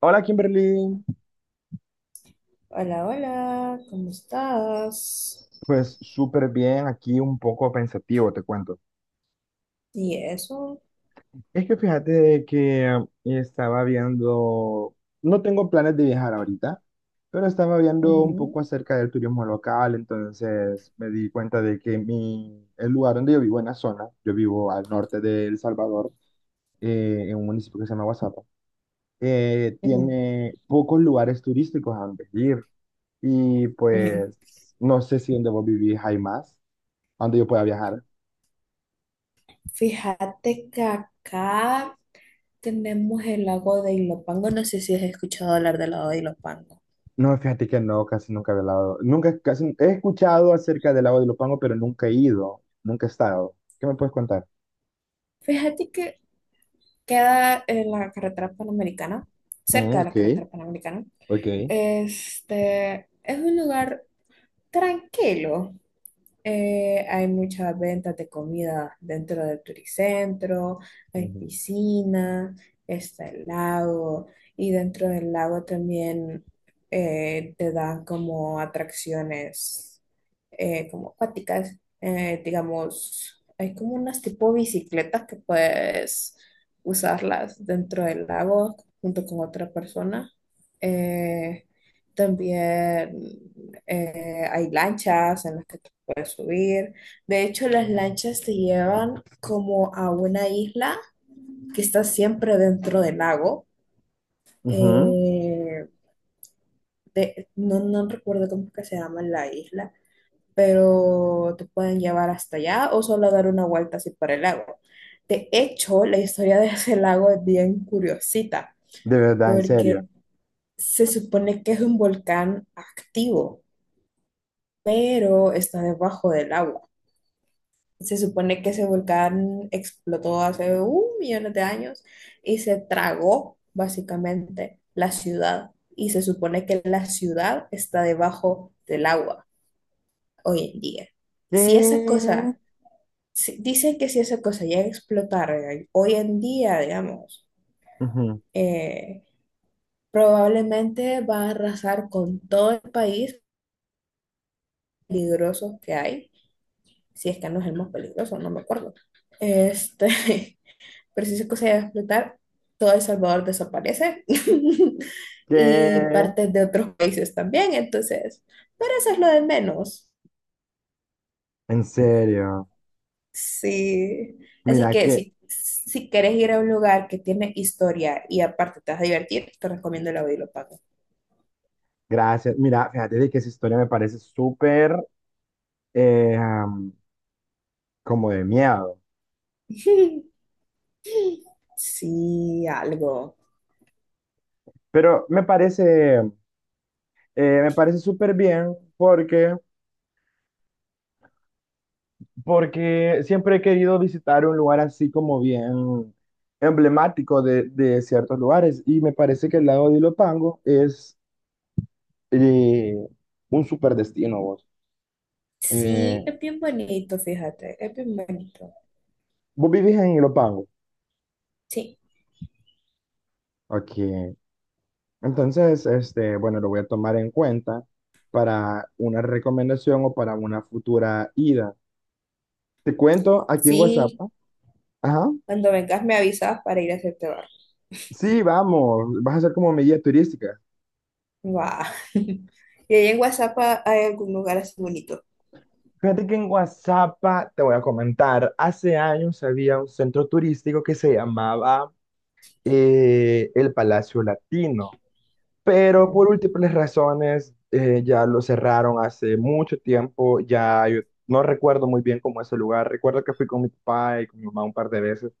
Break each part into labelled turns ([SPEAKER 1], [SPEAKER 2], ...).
[SPEAKER 1] Hola Kimberly,
[SPEAKER 2] Hola, hola, ¿cómo estás?
[SPEAKER 1] pues súper bien, aquí un poco pensativo, te cuento.
[SPEAKER 2] ¿Y eso?
[SPEAKER 1] Es que fíjate de que estaba viendo, no tengo planes de viajar ahorita, pero estaba viendo un poco
[SPEAKER 2] Ujú,
[SPEAKER 1] acerca del turismo local, entonces me di cuenta de que mi, el lugar donde yo vivo, en la zona, yo vivo al norte de El Salvador, en un municipio que se llama Guasapa,
[SPEAKER 2] ujú,
[SPEAKER 1] tiene pocos lugares turísticos a donde ir y
[SPEAKER 2] ujú.
[SPEAKER 1] pues no sé si donde vos vivís hay más, a donde yo pueda viajar.
[SPEAKER 2] Fíjate que acá tenemos el lago de Ilopango. No sé si has escuchado hablar del lago de Ilopango.
[SPEAKER 1] No, fíjate que no, casi nunca he velado. Nunca, casi, he escuchado acerca del lago de Ilopango, pero nunca he ido, nunca he estado. ¿Qué me puedes contar?
[SPEAKER 2] Fíjate que queda en la carretera panamericana,
[SPEAKER 1] Mm,
[SPEAKER 2] cerca de la
[SPEAKER 1] ok,
[SPEAKER 2] carretera panamericana.
[SPEAKER 1] ok.
[SPEAKER 2] Este es un lugar tranquilo. Hay muchas ventas de comida dentro del turicentro, hay
[SPEAKER 1] Ujú.
[SPEAKER 2] piscina, está el lago y dentro del lago también te dan como atracciones, como acuáticas, digamos, hay como unas tipo bicicletas que puedes usarlas dentro del lago junto con otra persona. Eh, También, hay lanchas en las que puedes subir. De hecho, las lanchas te llevan como a una isla que está siempre dentro del lago.
[SPEAKER 1] Ujú.
[SPEAKER 2] Eh, no, no recuerdo cómo es que se llama la isla, pero te pueden llevar hasta allá o solo dar una vuelta así por el lago. De hecho, la historia de ese lago es bien curiosita,
[SPEAKER 1] De verdad, ¿en serio?
[SPEAKER 2] porque se supone que es un volcán activo, pero está debajo del agua. Se supone que ese volcán explotó hace 1 millón de años y se tragó básicamente la ciudad. Y se supone que la ciudad está debajo del agua hoy en día. Si esa
[SPEAKER 1] ¿Qué?
[SPEAKER 2] cosa, dicen que si esa cosa llega a explotar, hoy en día, digamos,
[SPEAKER 1] Ujú.
[SPEAKER 2] eh, probablemente va a arrasar con todo el país peligroso que hay, si es que no es el más peligroso, no me acuerdo. Este, pero si esa cosa llega a explotar, todo El Salvador desaparece y
[SPEAKER 1] ¿Qué?
[SPEAKER 2] partes de otros países también, entonces, pero eso es lo de menos.
[SPEAKER 1] En serio.
[SPEAKER 2] Sí, así
[SPEAKER 1] Mira
[SPEAKER 2] que
[SPEAKER 1] que,
[SPEAKER 2] si, si quieres ir a un lugar que tiene historia y aparte te vas a divertir, te recomiendo la Pago.
[SPEAKER 1] gracias. Mira, fíjate de que esa historia me parece súper eh, am, como de miedo.
[SPEAKER 2] Sí, algo.
[SPEAKER 1] Pero me parece súper bien porque porque siempre he querido visitar un lugar así como bien emblemático de ciertos lugares y me parece que el lago de Ilopango es eh, un super destino vos. Eh,
[SPEAKER 2] Sí, es bien bonito, fíjate, es bien bonito.
[SPEAKER 1] ¿vos vivís en Ilopango?
[SPEAKER 2] Sí,
[SPEAKER 1] Ok. Entonces, este, bueno, lo voy a tomar en cuenta para una recomendación o para una futura ida. Te cuento aquí en WhatsApp.
[SPEAKER 2] sí,
[SPEAKER 1] Ajá.
[SPEAKER 2] cuando vengas me avisas para ir a hacerte
[SPEAKER 1] Sí, vamos. Vas a ser como mi guía turística.
[SPEAKER 2] guau. Y ahí en WhatsApp, hay algún lugar así bonito.
[SPEAKER 1] Fíjate que en Guazapa, te voy a comentar, hace años había un centro turístico que se llamaba el Palacio Latino, pero
[SPEAKER 2] Ujú,
[SPEAKER 1] por múltiples razones ya lo cerraron hace mucho tiempo, ya yo no recuerdo muy bien cómo es el lugar, recuerdo que fui con mi papá y con mi mamá un par de veces,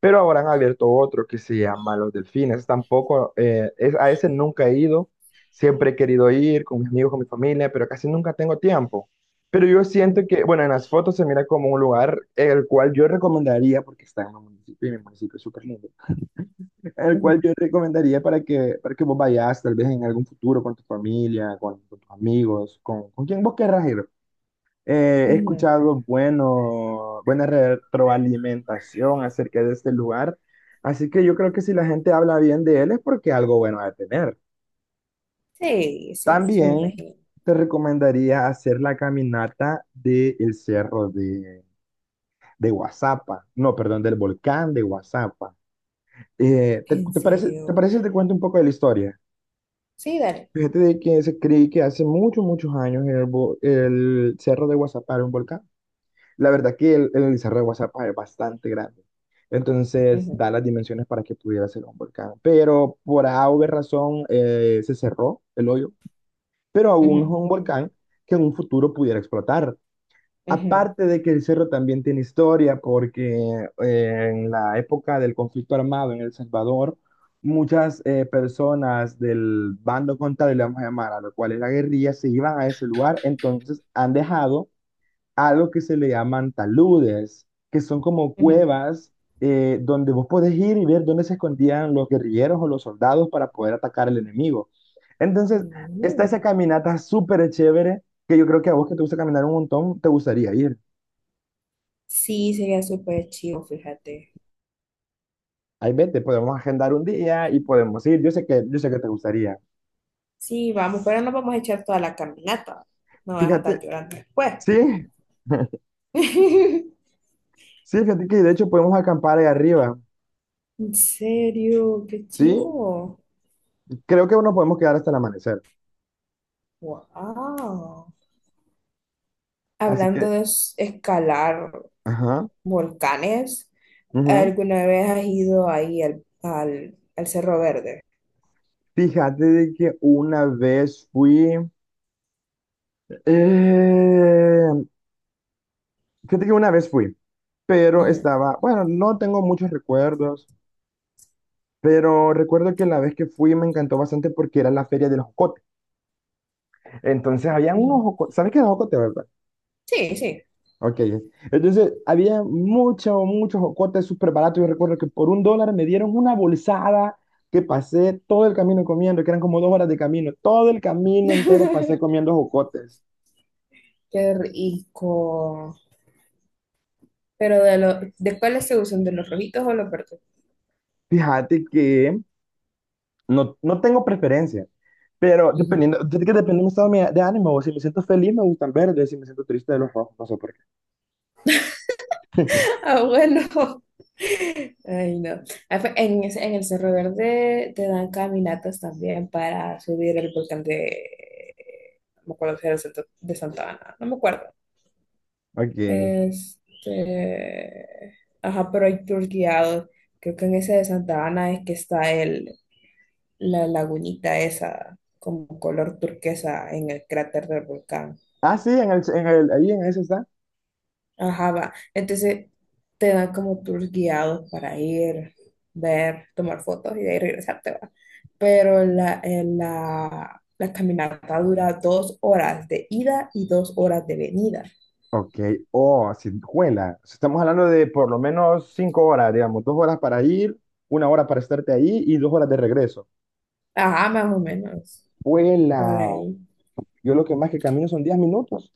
[SPEAKER 1] pero ahora han abierto otro que se llama Los Delfines. Tampoco, es, a ese nunca he ido. Siempre he querido ir con mis amigos, con mi familia, pero casi nunca tengo tiempo. Pero yo siento
[SPEAKER 2] ujú,
[SPEAKER 1] que, bueno, en las fotos se mira como un lugar el cual yo recomendaría, porque está en un municipio, y mi municipio es súper lindo, el cual yo recomendaría para que vos vayas, tal vez en algún futuro, con tu familia, con tus amigos, con quien vos querrás ir. He
[SPEAKER 2] ujú, ujú.
[SPEAKER 1] escuchado bueno, buena retroalimentación acerca de este lugar, así que yo creo que si la gente habla bien de él es porque algo bueno va a tener.
[SPEAKER 2] Sí, sí, eso me
[SPEAKER 1] También
[SPEAKER 2] imagino.
[SPEAKER 1] te recomendaría hacer la caminata del cerro de Guazapa, no, perdón, del volcán de Guazapa. ¿Te,
[SPEAKER 2] En
[SPEAKER 1] te
[SPEAKER 2] serio.
[SPEAKER 1] parece si te cuento un poco de la historia?
[SPEAKER 2] Sí, dale.
[SPEAKER 1] Fíjate de que se cree que hace muchos, muchos años el, el cerro de Guazapa era un volcán. La verdad que el Cerro de Guazapa es bastante grande. Entonces
[SPEAKER 2] Ujú,
[SPEAKER 1] da las dimensiones para que pudiera ser un volcán. Pero por alguna razón se cerró el hoyo. Pero aún es
[SPEAKER 2] ujú,
[SPEAKER 1] un volcán que en un futuro pudiera explotar.
[SPEAKER 2] ujú,
[SPEAKER 1] Aparte de que el cerro también tiene historia, porque en la época del conflicto armado en El Salvador, muchas personas del bando contrario, le vamos a llamar, a lo cual es la guerrilla, se iban a ese lugar, entonces han dejado algo que se le llaman taludes, que son como
[SPEAKER 2] ujú.
[SPEAKER 1] cuevas donde vos podés ir y ver dónde se escondían los guerrilleros o los soldados para poder atacar al enemigo. Entonces,
[SPEAKER 2] Ujú.
[SPEAKER 1] está esa caminata súper chévere que yo creo que a vos que te gusta caminar un montón, te gustaría ir.
[SPEAKER 2] Sí, sería súper chido, fíjate.
[SPEAKER 1] Ahí vete, podemos agendar un día y podemos ir. Yo sé que te gustaría.
[SPEAKER 2] Sí, vamos, pero no vamos a echar toda la caminata. No vas a andar
[SPEAKER 1] Fíjate,
[SPEAKER 2] llorando después.
[SPEAKER 1] sí, sí, fíjate que de hecho podemos acampar ahí arriba.
[SPEAKER 2] En serio, qué
[SPEAKER 1] Sí,
[SPEAKER 2] chido.
[SPEAKER 1] creo que nos podemos quedar hasta el amanecer.
[SPEAKER 2] Wow.
[SPEAKER 1] Así
[SPEAKER 2] Hablando
[SPEAKER 1] que,
[SPEAKER 2] de escalar
[SPEAKER 1] ajá.
[SPEAKER 2] volcanes.
[SPEAKER 1] Ujú.
[SPEAKER 2] ¿Alguna vez has ido ahí al Cerro Verde?
[SPEAKER 1] Fíjate de que una vez fui, eh, fíjate que una vez fui, pero
[SPEAKER 2] Ujú,
[SPEAKER 1] estaba, bueno, no tengo muchos recuerdos, pero recuerdo que la vez que fui me encantó bastante porque era la feria del jocote. Entonces habían unos
[SPEAKER 2] ujú.
[SPEAKER 1] jocotes, ¿sabes qué es el jocote, verdad?
[SPEAKER 2] Sí, sí.
[SPEAKER 1] Ok, entonces había mucho, muchos jocotes súper baratos. Yo recuerdo que por $1 me dieron una bolsada que pasé todo el camino comiendo, que eran como 2 horas de camino, todo el camino entero pasé comiendo jocotes.
[SPEAKER 2] Qué rico. Pero ¿de cuáles se usan? ¿De los rojitos o los verdes?
[SPEAKER 1] Fíjate que no, no tengo preferencia, pero
[SPEAKER 2] Ujú.
[SPEAKER 1] dependiendo, es que depende de mi estado de ánimo, o si me siento feliz me gustan verdes, si me siento triste de los rojos, no sé por qué.
[SPEAKER 2] Ah, bueno. Ay, no. Ah, en, en el Cerro Verde te dan caminatas también para subir el volcán de. No me acuerdo si era el de Santa Ana. No me acuerdo.
[SPEAKER 1] Ok.
[SPEAKER 2] Este, ajá, pero hay tours guiados. Creo que en ese de Santa Ana es que está la lagunita esa, como color turquesa en el cráter del volcán.
[SPEAKER 1] Ah, sí, en el, ahí en ese está.
[SPEAKER 2] Ajá, va. Entonces te dan como tours guiados para ir, ver, tomar fotos y de ahí regresarte, va. Pero la caminata dura 2 horas de ida y 2 horas de venida.
[SPEAKER 1] Ok. Oh, juela. Estamos hablando de por lo menos 5 horas, digamos, 2 horas para ir, 1 hora para estarte ahí y 2 horas de regreso.
[SPEAKER 2] Ajá, más o menos, por
[SPEAKER 1] Juela.
[SPEAKER 2] ahí.
[SPEAKER 1] Yo lo que más que camino son 10 minutos.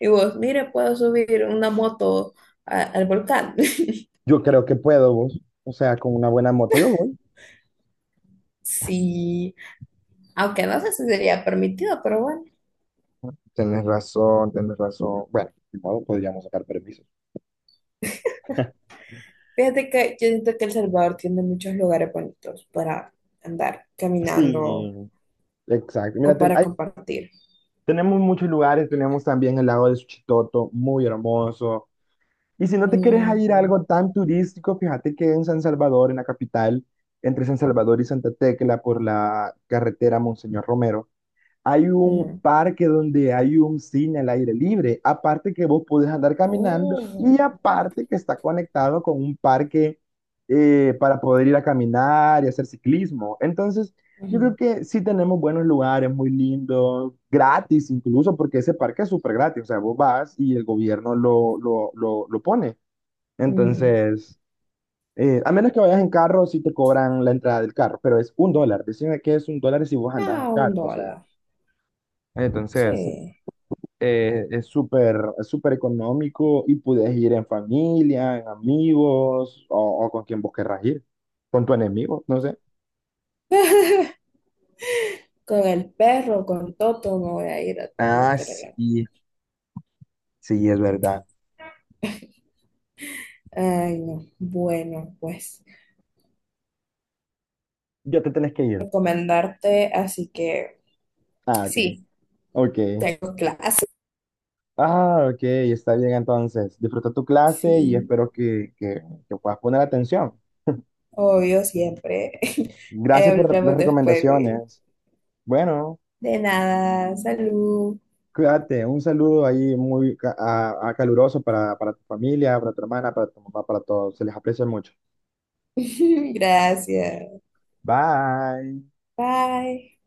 [SPEAKER 2] Y vos, mire, puedo subir una moto al volcán.
[SPEAKER 1] Yo creo que puedo, vos. O sea, con una buena moto yo voy.
[SPEAKER 2] Sí, aunque no sé si sería permitido, pero bueno.
[SPEAKER 1] Tienes razón, tienes razón. Bueno, de modo, podríamos sacar permisos.
[SPEAKER 2] Fíjate que yo siento que El Salvador tiene muchos lugares bonitos para andar caminando
[SPEAKER 1] Sí, exacto. Mira,
[SPEAKER 2] o para compartir.
[SPEAKER 1] tenemos muchos lugares, tenemos también el lago de Suchitoto, muy hermoso. Y si no te quieres a ir a
[SPEAKER 2] Ujú,
[SPEAKER 1] algo tan turístico, fíjate que en San Salvador, en la capital, entre San Salvador y Santa Tecla, por la carretera Monseñor Romero, hay un
[SPEAKER 2] ujú.
[SPEAKER 1] parque donde hay un cine al aire libre, aparte que vos podés andar caminando y
[SPEAKER 2] Oh.
[SPEAKER 1] aparte que está conectado con un parque para poder ir a caminar y hacer ciclismo. Entonces, yo creo
[SPEAKER 2] Ujú,
[SPEAKER 1] que sí tenemos buenos lugares, muy lindos, gratis incluso, porque ese parque es súper gratis, o sea, vos vas y el gobierno lo pone.
[SPEAKER 2] ujú.
[SPEAKER 1] Entonces, a menos que vayas en carro, sí te cobran la entrada del carro, pero es $1. Decime que es $1 si vos andás en
[SPEAKER 2] Ah, un
[SPEAKER 1] carro, o sea,
[SPEAKER 2] dólar.
[SPEAKER 1] entonces
[SPEAKER 2] Sí.
[SPEAKER 1] es súper económico y puedes ir en familia, en amigos o con quien vos querrás ir, con tu enemigo, no sé.
[SPEAKER 2] Con el perro, con Toto, me voy a ir a
[SPEAKER 1] Ah,
[SPEAKER 2] meter allá.
[SPEAKER 1] sí, sí, es verdad.
[SPEAKER 2] Ay, no. Bueno, pues
[SPEAKER 1] Ya te tenés que ir.
[SPEAKER 2] recomendarte, así que.
[SPEAKER 1] Ah, ok,
[SPEAKER 2] Sí.
[SPEAKER 1] ok.
[SPEAKER 2] Tengo clases,
[SPEAKER 1] Ah, ok, está bien entonces. Disfruta tu clase y
[SPEAKER 2] sí,
[SPEAKER 1] espero que puedas poner atención.
[SPEAKER 2] obvio, siempre. Ahí
[SPEAKER 1] Gracias por las
[SPEAKER 2] hablamos después, Will.
[SPEAKER 1] recomendaciones. Bueno,
[SPEAKER 2] De nada, salud.
[SPEAKER 1] cuídate. Un saludo ahí muy a caluroso para tu familia, para tu hermana, para tu mamá, para todos. Se les aprecia mucho.
[SPEAKER 2] Gracias.
[SPEAKER 1] Bye.
[SPEAKER 2] Bye.